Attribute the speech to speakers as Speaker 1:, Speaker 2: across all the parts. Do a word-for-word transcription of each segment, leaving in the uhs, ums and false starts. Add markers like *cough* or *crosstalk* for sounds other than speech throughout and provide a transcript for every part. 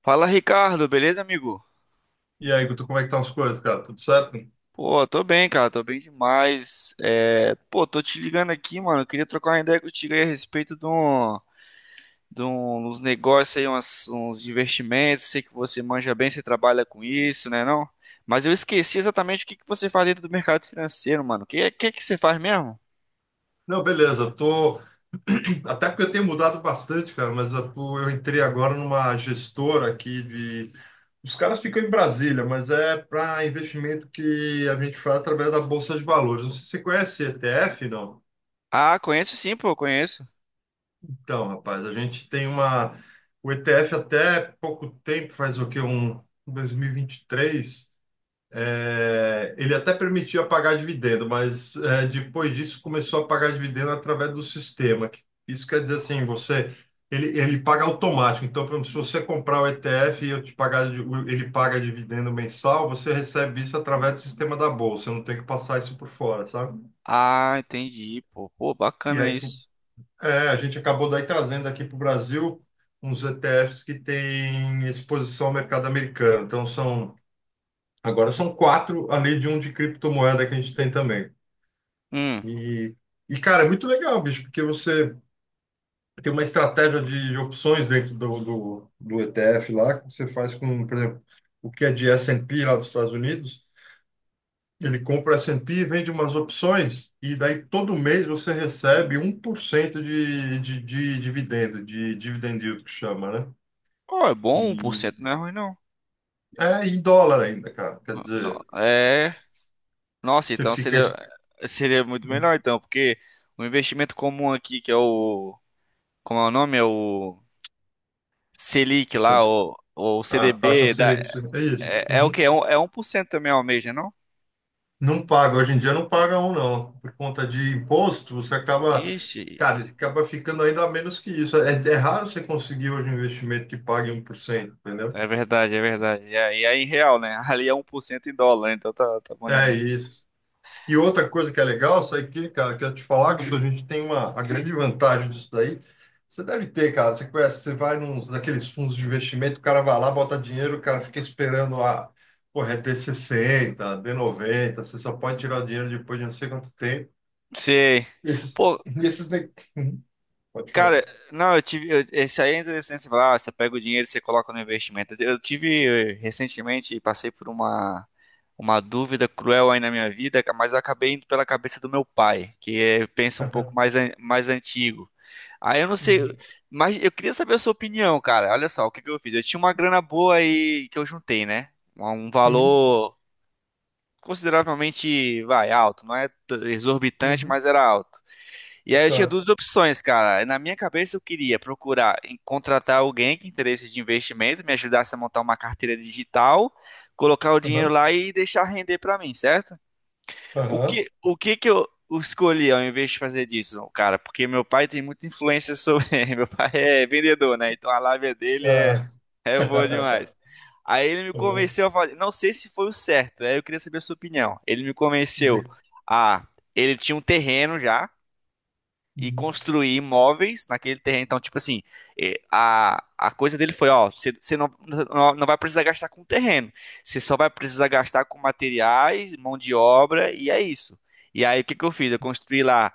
Speaker 1: Fala, Ricardo, beleza, amigo?
Speaker 2: E aí, Guto, como é que estão as coisas, cara? Tudo certo?
Speaker 1: Pô, tô bem, cara, tô bem demais. É, pô, tô te ligando aqui, mano. Eu queria trocar uma ideia contigo aí a respeito de, um, de um- uns negócios aí, umas- uns investimentos. Sei que você manja bem, você trabalha com isso, né, não? Mas eu esqueci exatamente o que que você faz dentro do mercado financeiro, mano. O que, que que você faz mesmo?
Speaker 2: Não, beleza. Tô... Até porque eu tenho mudado bastante, cara, mas eu, tô- eu entrei agora numa gestora aqui de... Os caras ficam em Brasília, mas é para investimento que a gente faz através da Bolsa de Valores. Não sei se você conhece E T F, não?
Speaker 1: Ah, conheço sim, pô, conheço.
Speaker 2: Então, rapaz, a gente tem uma... o E T F até pouco tempo, faz o quê? Um dois mil e e vinte e três. É, ele até permitia pagar dividendo, mas é, depois disso começou a pagar dividendo através do sistema. Isso quer dizer assim, você ele, ele paga automático. Então, por exemplo, se você comprar o E T F e eu te pagar, ele paga dividendo mensal, você recebe isso através do sistema da bolsa. Eu não tem que passar isso por fora, sabe?
Speaker 1: Ah, entendi, pô. Pô,
Speaker 2: E
Speaker 1: bacana
Speaker 2: aí
Speaker 1: isso.
Speaker 2: é, a gente acabou daí trazendo aqui para o Brasil uns E T Fs que têm exposição ao mercado americano. Então são agora são quatro, além de um de criptomoeda que a gente tem também.
Speaker 1: Hum.
Speaker 2: E, e, cara, é muito legal, bicho, porque você tem uma estratégia de opções dentro do, do, do E T F lá, que você faz com, por exemplo, o que é de esse e pê lá dos Estados Unidos, ele compra esse e pê e P e vende umas opções, e daí todo mês você recebe um 1% de, de, de dividendo, de dividend yield que chama, né?
Speaker 1: Pô, é bom,
Speaker 2: E
Speaker 1: um por cento não é ruim, não.
Speaker 2: é em dólar ainda, cara. Quer
Speaker 1: Não,
Speaker 2: dizer,
Speaker 1: não. É. Nossa,
Speaker 2: você
Speaker 1: então
Speaker 2: fica...
Speaker 1: seria,
Speaker 2: ex-
Speaker 1: seria muito melhor então, porque o investimento comum aqui, que é o, como é o nome? É o Selic
Speaker 2: Você,
Speaker 1: lá, o, o
Speaker 2: a taxa
Speaker 1: C D B, da,
Speaker 2: Selic, é isso.
Speaker 1: é, é o quê? É, um, é um por cento também ao mês, né, não?
Speaker 2: Não paga, hoje em dia não paga um, não. Por conta de imposto, você acaba,
Speaker 1: Ixi,
Speaker 2: cara, acaba ficando ainda menos que isso. É, é raro você conseguir hoje um investimento que pague um por cento, entendeu?
Speaker 1: é verdade, é verdade. E aí é, em real, né? *laughs* Ali é um por cento em dólar, então tá, tá bom
Speaker 2: É
Speaker 1: demais.
Speaker 2: isso. E outra coisa que é legal, isso aqui, cara, que eu te falar, que a gente tem uma, a grande vantagem disso daí. Você deve ter, cara, você conhece, você vai nos daqueles fundos de investimento, o cara vai lá, bota dinheiro, o cara fica esperando a, porra, é D sessenta, dê noventa, você só pode tirar o dinheiro depois de não sei quanto tempo.
Speaker 1: Sei.
Speaker 2: Esses,
Speaker 1: Pô,
Speaker 2: *laughs* e esses, ne- pode falar.
Speaker 1: Cara, não, eu tive. eu- esse aí é interessante você falar, ah, você pega o dinheiro e você coloca no investimento. Eu tive eh, recentemente, e passei por uma, uma dúvida cruel aí na minha vida, mas eu acabei indo pela cabeça do meu pai, que é, pensa um pouco
Speaker 2: Aham.
Speaker 1: mais, an- mais antigo. Aí eu não sei,
Speaker 2: Uhum.
Speaker 1: mas eu queria saber a sua opinião, cara. Olha só, o que que eu fiz? Eu tinha uma grana boa aí que eu juntei, né? Um um
Speaker 2: Uhum.
Speaker 1: valor consideravelmente, vai, alto, não é t- exorbitante,
Speaker 2: Uhum.
Speaker 1: mas era alto. E aí eu tinha
Speaker 2: Tá.
Speaker 1: duas opções, cara. Na minha cabeça eu queria procurar em- contratar alguém que interesse de investimento, me ajudasse a montar uma carteira digital, colocar o dinheiro
Speaker 2: Aham.
Speaker 1: lá e deixar render pra mim, certo? O
Speaker 2: Aham.
Speaker 1: que, o que que eu escolhi ao invés de fazer disso, cara? Porque meu pai tem muita influência sobre. *laughs* Meu pai é vendedor, né? Então a lábia dele é,
Speaker 2: Ah.
Speaker 1: é boa
Speaker 2: *laughs*
Speaker 1: demais. Aí ele me
Speaker 2: Aham.
Speaker 1: convenceu a fazer. Não sei se foi o certo, aí eu queria saber a sua opinião. Ele me convenceu
Speaker 2: Digo.
Speaker 1: a. Ele tinha um terreno já e
Speaker 2: Uhum.
Speaker 1: construir imóveis naquele terreno. Então, tipo assim, eh, a, a coisa dele foi, ó, você você não, não não vai precisar gastar com terreno. Você só vai precisar gastar com materiais, mão de obra, e é isso. E aí, o que que eu fiz? Eu construí lá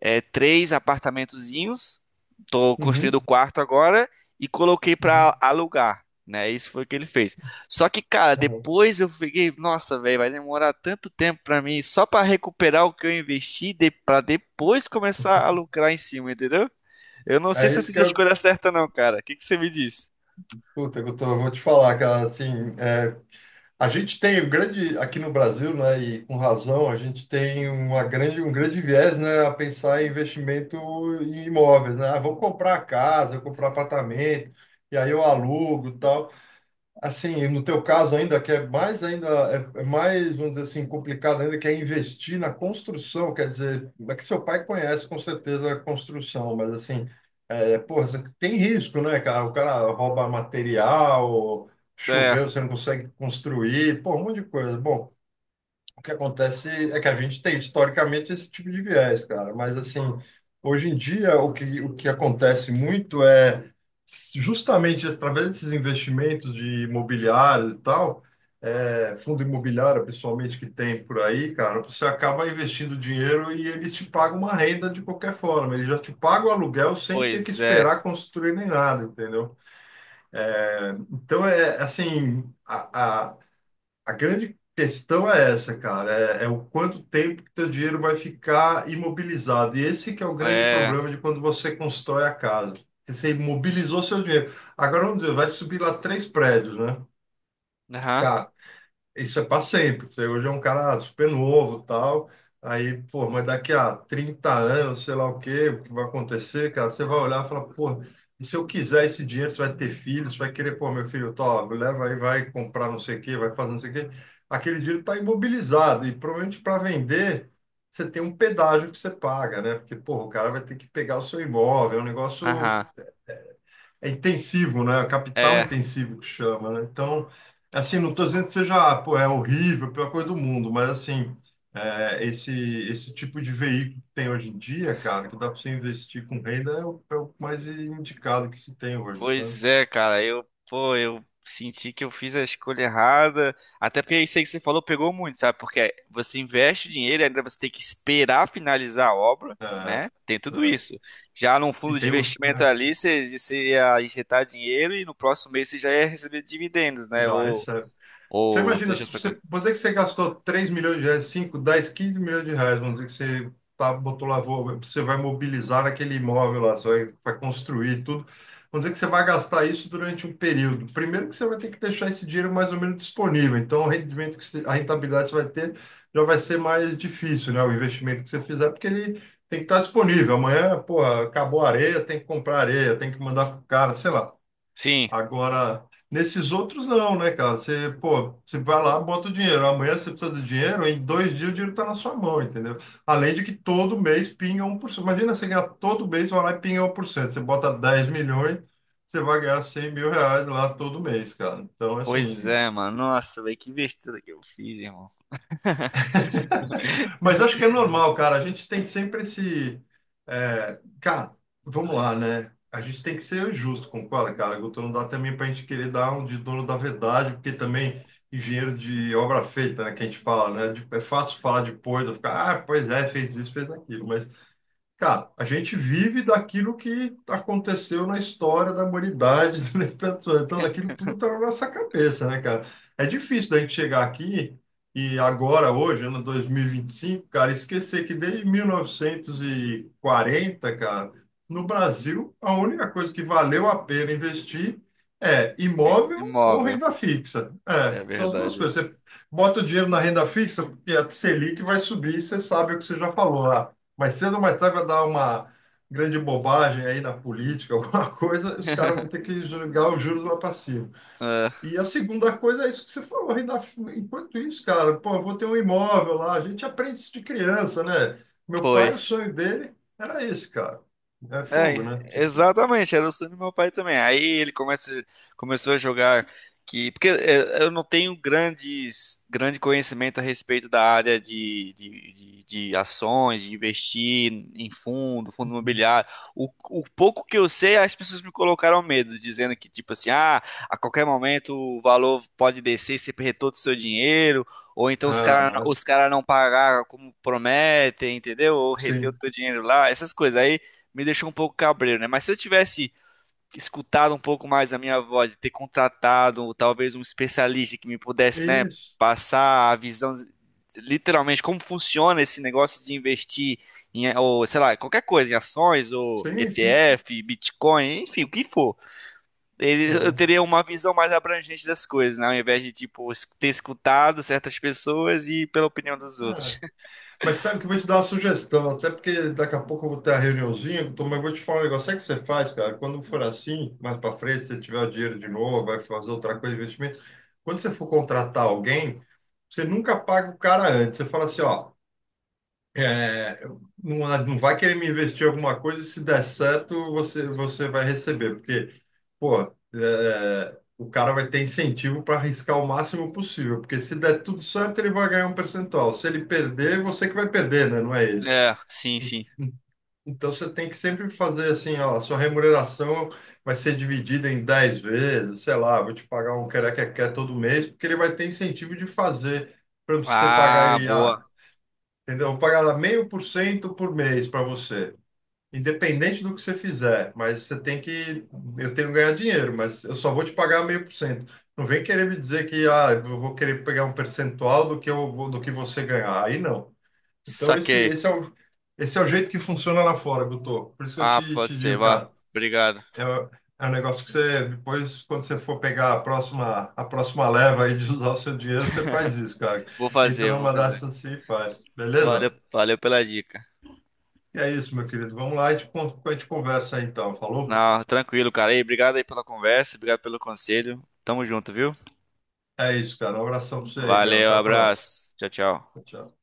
Speaker 1: é, três apartamentozinhos. Tô construindo
Speaker 2: Uhum.
Speaker 1: o quarto agora e coloquei
Speaker 2: Uhum.
Speaker 1: pra alugar, né? Isso foi o que ele fez. Só que, cara,
Speaker 2: Aham.
Speaker 1: depois eu fiquei, nossa, velho, vai demorar tanto tempo pra mim só pra recuperar o que eu investi de, pra depois começar a lucrar em cima, entendeu? Eu não sei
Speaker 2: É
Speaker 1: se eu
Speaker 2: isso
Speaker 1: fiz
Speaker 2: que
Speaker 1: a
Speaker 2: eu,
Speaker 1: escolha certa, não, cara. O que que você me diz?
Speaker 2: puta, que eu tô- eu vou te falar, cara, assim, é, a gente tem um grande, aqui no Brasil, né, e com razão, a gente tem uma grande, um grande viés, né, a pensar em investimento em imóveis, né, ah, vou comprar casa, vou comprar apartamento, e aí eu alugo e tal. Assim, no teu caso ainda, que é mais ainda, é é mais, vamos dizer assim, complicado ainda, que é investir na construção, quer dizer, é que seu pai conhece com certeza a construção, mas assim, é, porra, você tem risco, né, cara? O cara rouba material,
Speaker 1: É,
Speaker 2: choveu, você não consegue construir, pô, um monte de coisa. Bom, o que acontece é que a gente tem historicamente esse tipo de viés, cara, mas assim, hoje em dia o que, o que acontece muito é justamente através desses investimentos de imobiliário e tal, é, fundo imobiliário, principalmente que tem por aí, cara, você acaba investindo dinheiro e eles te pagam uma renda de qualquer forma, eles já te pagam o aluguel sem ter que
Speaker 1: pois é.
Speaker 2: esperar construir nem nada, entendeu? Então é assim, a, a- a grande questão é essa, cara, é, é o quanto tempo que teu dinheiro vai ficar imobilizado. E esse que é o grande
Speaker 1: É.
Speaker 2: problema de quando você constrói a casa. Porque você imobilizou seu dinheiro. Agora vamos dizer, vai subir lá três prédios, né?
Speaker 1: Aham,
Speaker 2: Cara, isso é para sempre. Você hoje é um cara super novo, tal. Aí, pô, mas daqui a trinta anos, sei lá o quê, o que vai acontecer, cara? Você vai olhar e falar, pô, e se eu quiser esse dinheiro, você vai ter filho, você vai querer, pô, meu filho, tá, leva aí, vai comprar não sei o quê, vai fazer não sei o quê. Aquele dinheiro está imobilizado e provavelmente para vender, você tem um pedágio que você paga, né? Porque, pô, o cara vai ter que pegar o seu imóvel, é um negócio
Speaker 1: aham.
Speaker 2: é intensivo, né? Capital
Speaker 1: É.
Speaker 2: intensivo que chama, né? Então, assim, não estou dizendo que seja, ah, pô, é horrível, a pior coisa do mundo, mas assim, é, esse esse tipo de veículo que tem hoje em dia, cara, que dá para você investir com renda é o, é o mais indicado que se tem hoje, sabe?
Speaker 1: Pois é, cara, eu, pô, eu senti que eu fiz a escolha errada. Até porque isso aí que você falou pegou muito, sabe? Porque você investe o dinheiro, e ainda você tem que esperar finalizar a obra,
Speaker 2: É,
Speaker 1: né? Tem tudo
Speaker 2: é,
Speaker 1: isso. Já num
Speaker 2: e
Speaker 1: fundo de
Speaker 2: tem o-
Speaker 1: investimento
Speaker 2: *laughs*
Speaker 1: ali, você, você ia injetar dinheiro e no próximo mês você já ia receber dividendos, né?
Speaker 2: já
Speaker 1: Ou,
Speaker 2: recebe. Você
Speaker 1: ou
Speaker 2: imagina,
Speaker 1: seja
Speaker 2: se
Speaker 1: outra
Speaker 2: você,
Speaker 1: coisa.
Speaker 2: vamos dizer que você gastou três milhões de reais, cinco, dez, quinze milhões de reais, vamos dizer que você tá, botou lá, vou- você vai mobilizar aquele imóvel lá, você vai, vai construir tudo. Vamos dizer que você vai gastar isso durante um período. Primeiro que você vai ter que deixar esse dinheiro mais ou menos disponível. Então, o rendimento que você, a rentabilidade que você vai ter já vai ser mais difícil, né? O investimento que você fizer, porque ele tem que estar disponível. Amanhã, pô, acabou a areia, tem que comprar areia, tem que mandar pro cara, sei lá.
Speaker 1: Sim,
Speaker 2: Agora, nesses outros não, né, cara? Você, pô, você vai lá, bota o dinheiro. Amanhã você precisa do dinheiro, em dois dias o dinheiro tá na sua mão, entendeu? Além de que todo mês pinga um por cento. Imagina você ganhar todo mês, vai lá e pinga um por cento. Você bota dez milhões, você vai ganhar cem mil reais lá todo mês, cara. Então,
Speaker 1: pois
Speaker 2: assim,
Speaker 1: é, mano. Nossa, velho, que besteira que eu fiz, irmão.
Speaker 2: mas acho que é normal, cara. A gente tem sempre esse. é, Cara, vamos lá, né? A gente tem que ser justo, concorda, cara? Guto, não dá também para a gente querer dar um de dono da verdade, porque também engenheiro de obra feita, né? Que a gente fala, né? De- É fácil falar depois, eu ficar, ah, pois é, fez isso, fez aquilo. Mas cara, a gente vive daquilo que aconteceu na história da humanidade *laughs* durante tantos anos. Então, aquilo tudo está na nossa cabeça, né, cara? É difícil da gente chegar aqui e agora, hoje, ano dois mil e vinte e cinco, cara, esquecer que desde mil novecentos e quarenta, cara, no Brasil, a única coisa que valeu a pena investir é
Speaker 1: I-
Speaker 2: imóvel ou
Speaker 1: Imóvel,
Speaker 2: renda fixa. É,
Speaker 1: é
Speaker 2: são as duas
Speaker 1: verdade.
Speaker 2: coisas. Você bota o dinheiro na renda fixa, porque a Selic vai subir, você sabe o que você já falou. Mas cedo ou mais tarde vai dar uma grande bobagem aí na política, *laughs* alguma coisa, os caras vão ter que jogar os juros lá para cima.
Speaker 1: É,
Speaker 2: E a segunda coisa é isso que você falou, ainda, enquanto isso, cara, pô, eu vou ter um imóvel lá, a gente aprende isso de criança, né? Meu pai,
Speaker 1: foi.
Speaker 2: o sonho dele era esse, cara. É fogo,
Speaker 1: É,
Speaker 2: né? Tipo,
Speaker 1: exatamente, era o sonho do meu pai também. Aí ele começa, começou a jogar que, porque é, eu não tenho grandes, grande conhecimento a respeito da área de, de, de, de ações, de investir em fundo, fundo imobiliário. O, o pouco que eu sei, as pessoas me colocaram medo, dizendo que, tipo assim, ah, a qualquer momento o valor pode descer e você perder todo o seu dinheiro, ou então os caras
Speaker 2: aham,
Speaker 1: os cara não pagaram como prometem, entendeu? Ou reter o
Speaker 2: sim.
Speaker 1: teu dinheiro lá, essas coisas. Aí me deixou um pouco cabreiro, né? Mas se eu tivesse escutado um pouco mais a minha voz e ter contratado talvez um especialista que me pudesse, né,
Speaker 2: Isso,
Speaker 1: passar a visão literalmente como funciona esse negócio de investir em, ou sei lá, qualquer coisa, em ações, ou
Speaker 2: sim, sim.
Speaker 1: E T F, Bitcoin, enfim, o que for. Ele- Eu
Speaker 2: Aham.
Speaker 1: teria uma visão mais abrangente das coisas, né? Ao invés de, tipo, es- ter escutado certas pessoas e pela opinião dos outros.
Speaker 2: Ah,
Speaker 1: *laughs*
Speaker 2: mas sabe que eu vou te dar uma sugestão, até porque daqui a pouco eu vou ter a reuniãozinha, então, mas eu vou te falar um negócio. Sabe o que você faz, cara? Quando for assim, mais para frente, você tiver o dinheiro de novo, vai fazer outra coisa de investimento. Quando você for contratar alguém, você nunca paga o cara antes. Você fala assim, ó, é, não, é, não vai querer me investir em alguma coisa, e se der certo, você, você vai receber, porque, pô, é, o cara vai ter incentivo para arriscar o máximo possível, porque se der tudo certo, ele vai ganhar um percentual. Se ele perder, é você que vai perder, né? Não é ele.
Speaker 1: É, sim,
Speaker 2: E-
Speaker 1: sim.
Speaker 2: Então você tem que sempre fazer assim, ó, a sua remuneração vai ser dividida em dez vezes, sei lá, vou te pagar um quer quer todo mês, porque ele vai ter incentivo de fazer. Por exemplo, se você pagar
Speaker 1: Ah,
Speaker 2: ele,
Speaker 1: boa.
Speaker 2: ah, entendeu? Eu vou pagar meio por cento por mês para você, independente do que você fizer. Mas você tem que, eu tenho que ganhar dinheiro, mas eu só vou te pagar meio por cento. Não vem querer me dizer que ah, eu vou querer pegar um percentual do que eu vou- do que você ganhar. Aí não. Então esse,
Speaker 1: Saquei.
Speaker 2: esse é o, esse é o jeito que funciona lá fora, Guto. Por isso que eu
Speaker 1: Ah,
Speaker 2: te,
Speaker 1: pode
Speaker 2: te
Speaker 1: ser,
Speaker 2: digo,
Speaker 1: vá.
Speaker 2: cara,
Speaker 1: Obrigado.
Speaker 2: é, é um negócio que você depois, quando você for pegar a próxima, a próxima leva aí de usar o seu dinheiro, você faz isso, cara.
Speaker 1: Vou
Speaker 2: Entra
Speaker 1: fazer, vou
Speaker 2: numa
Speaker 1: fazer.
Speaker 2: dessas assim e faz, beleza?
Speaker 1: Valeu, valeu pela dica.
Speaker 2: E é isso, meu querido. Vamos lá e te con- a gente conversa aí, então. Falou?
Speaker 1: Não, tranquilo, cara. E obrigado aí pela conversa, obrigado pelo conselho. Tamo junto, viu?
Speaker 2: É isso, cara. Um abração pra você aí, meu.
Speaker 1: Valeu,
Speaker 2: Até a próxima.
Speaker 1: abraço. Tchau, tchau.
Speaker 2: Tchau.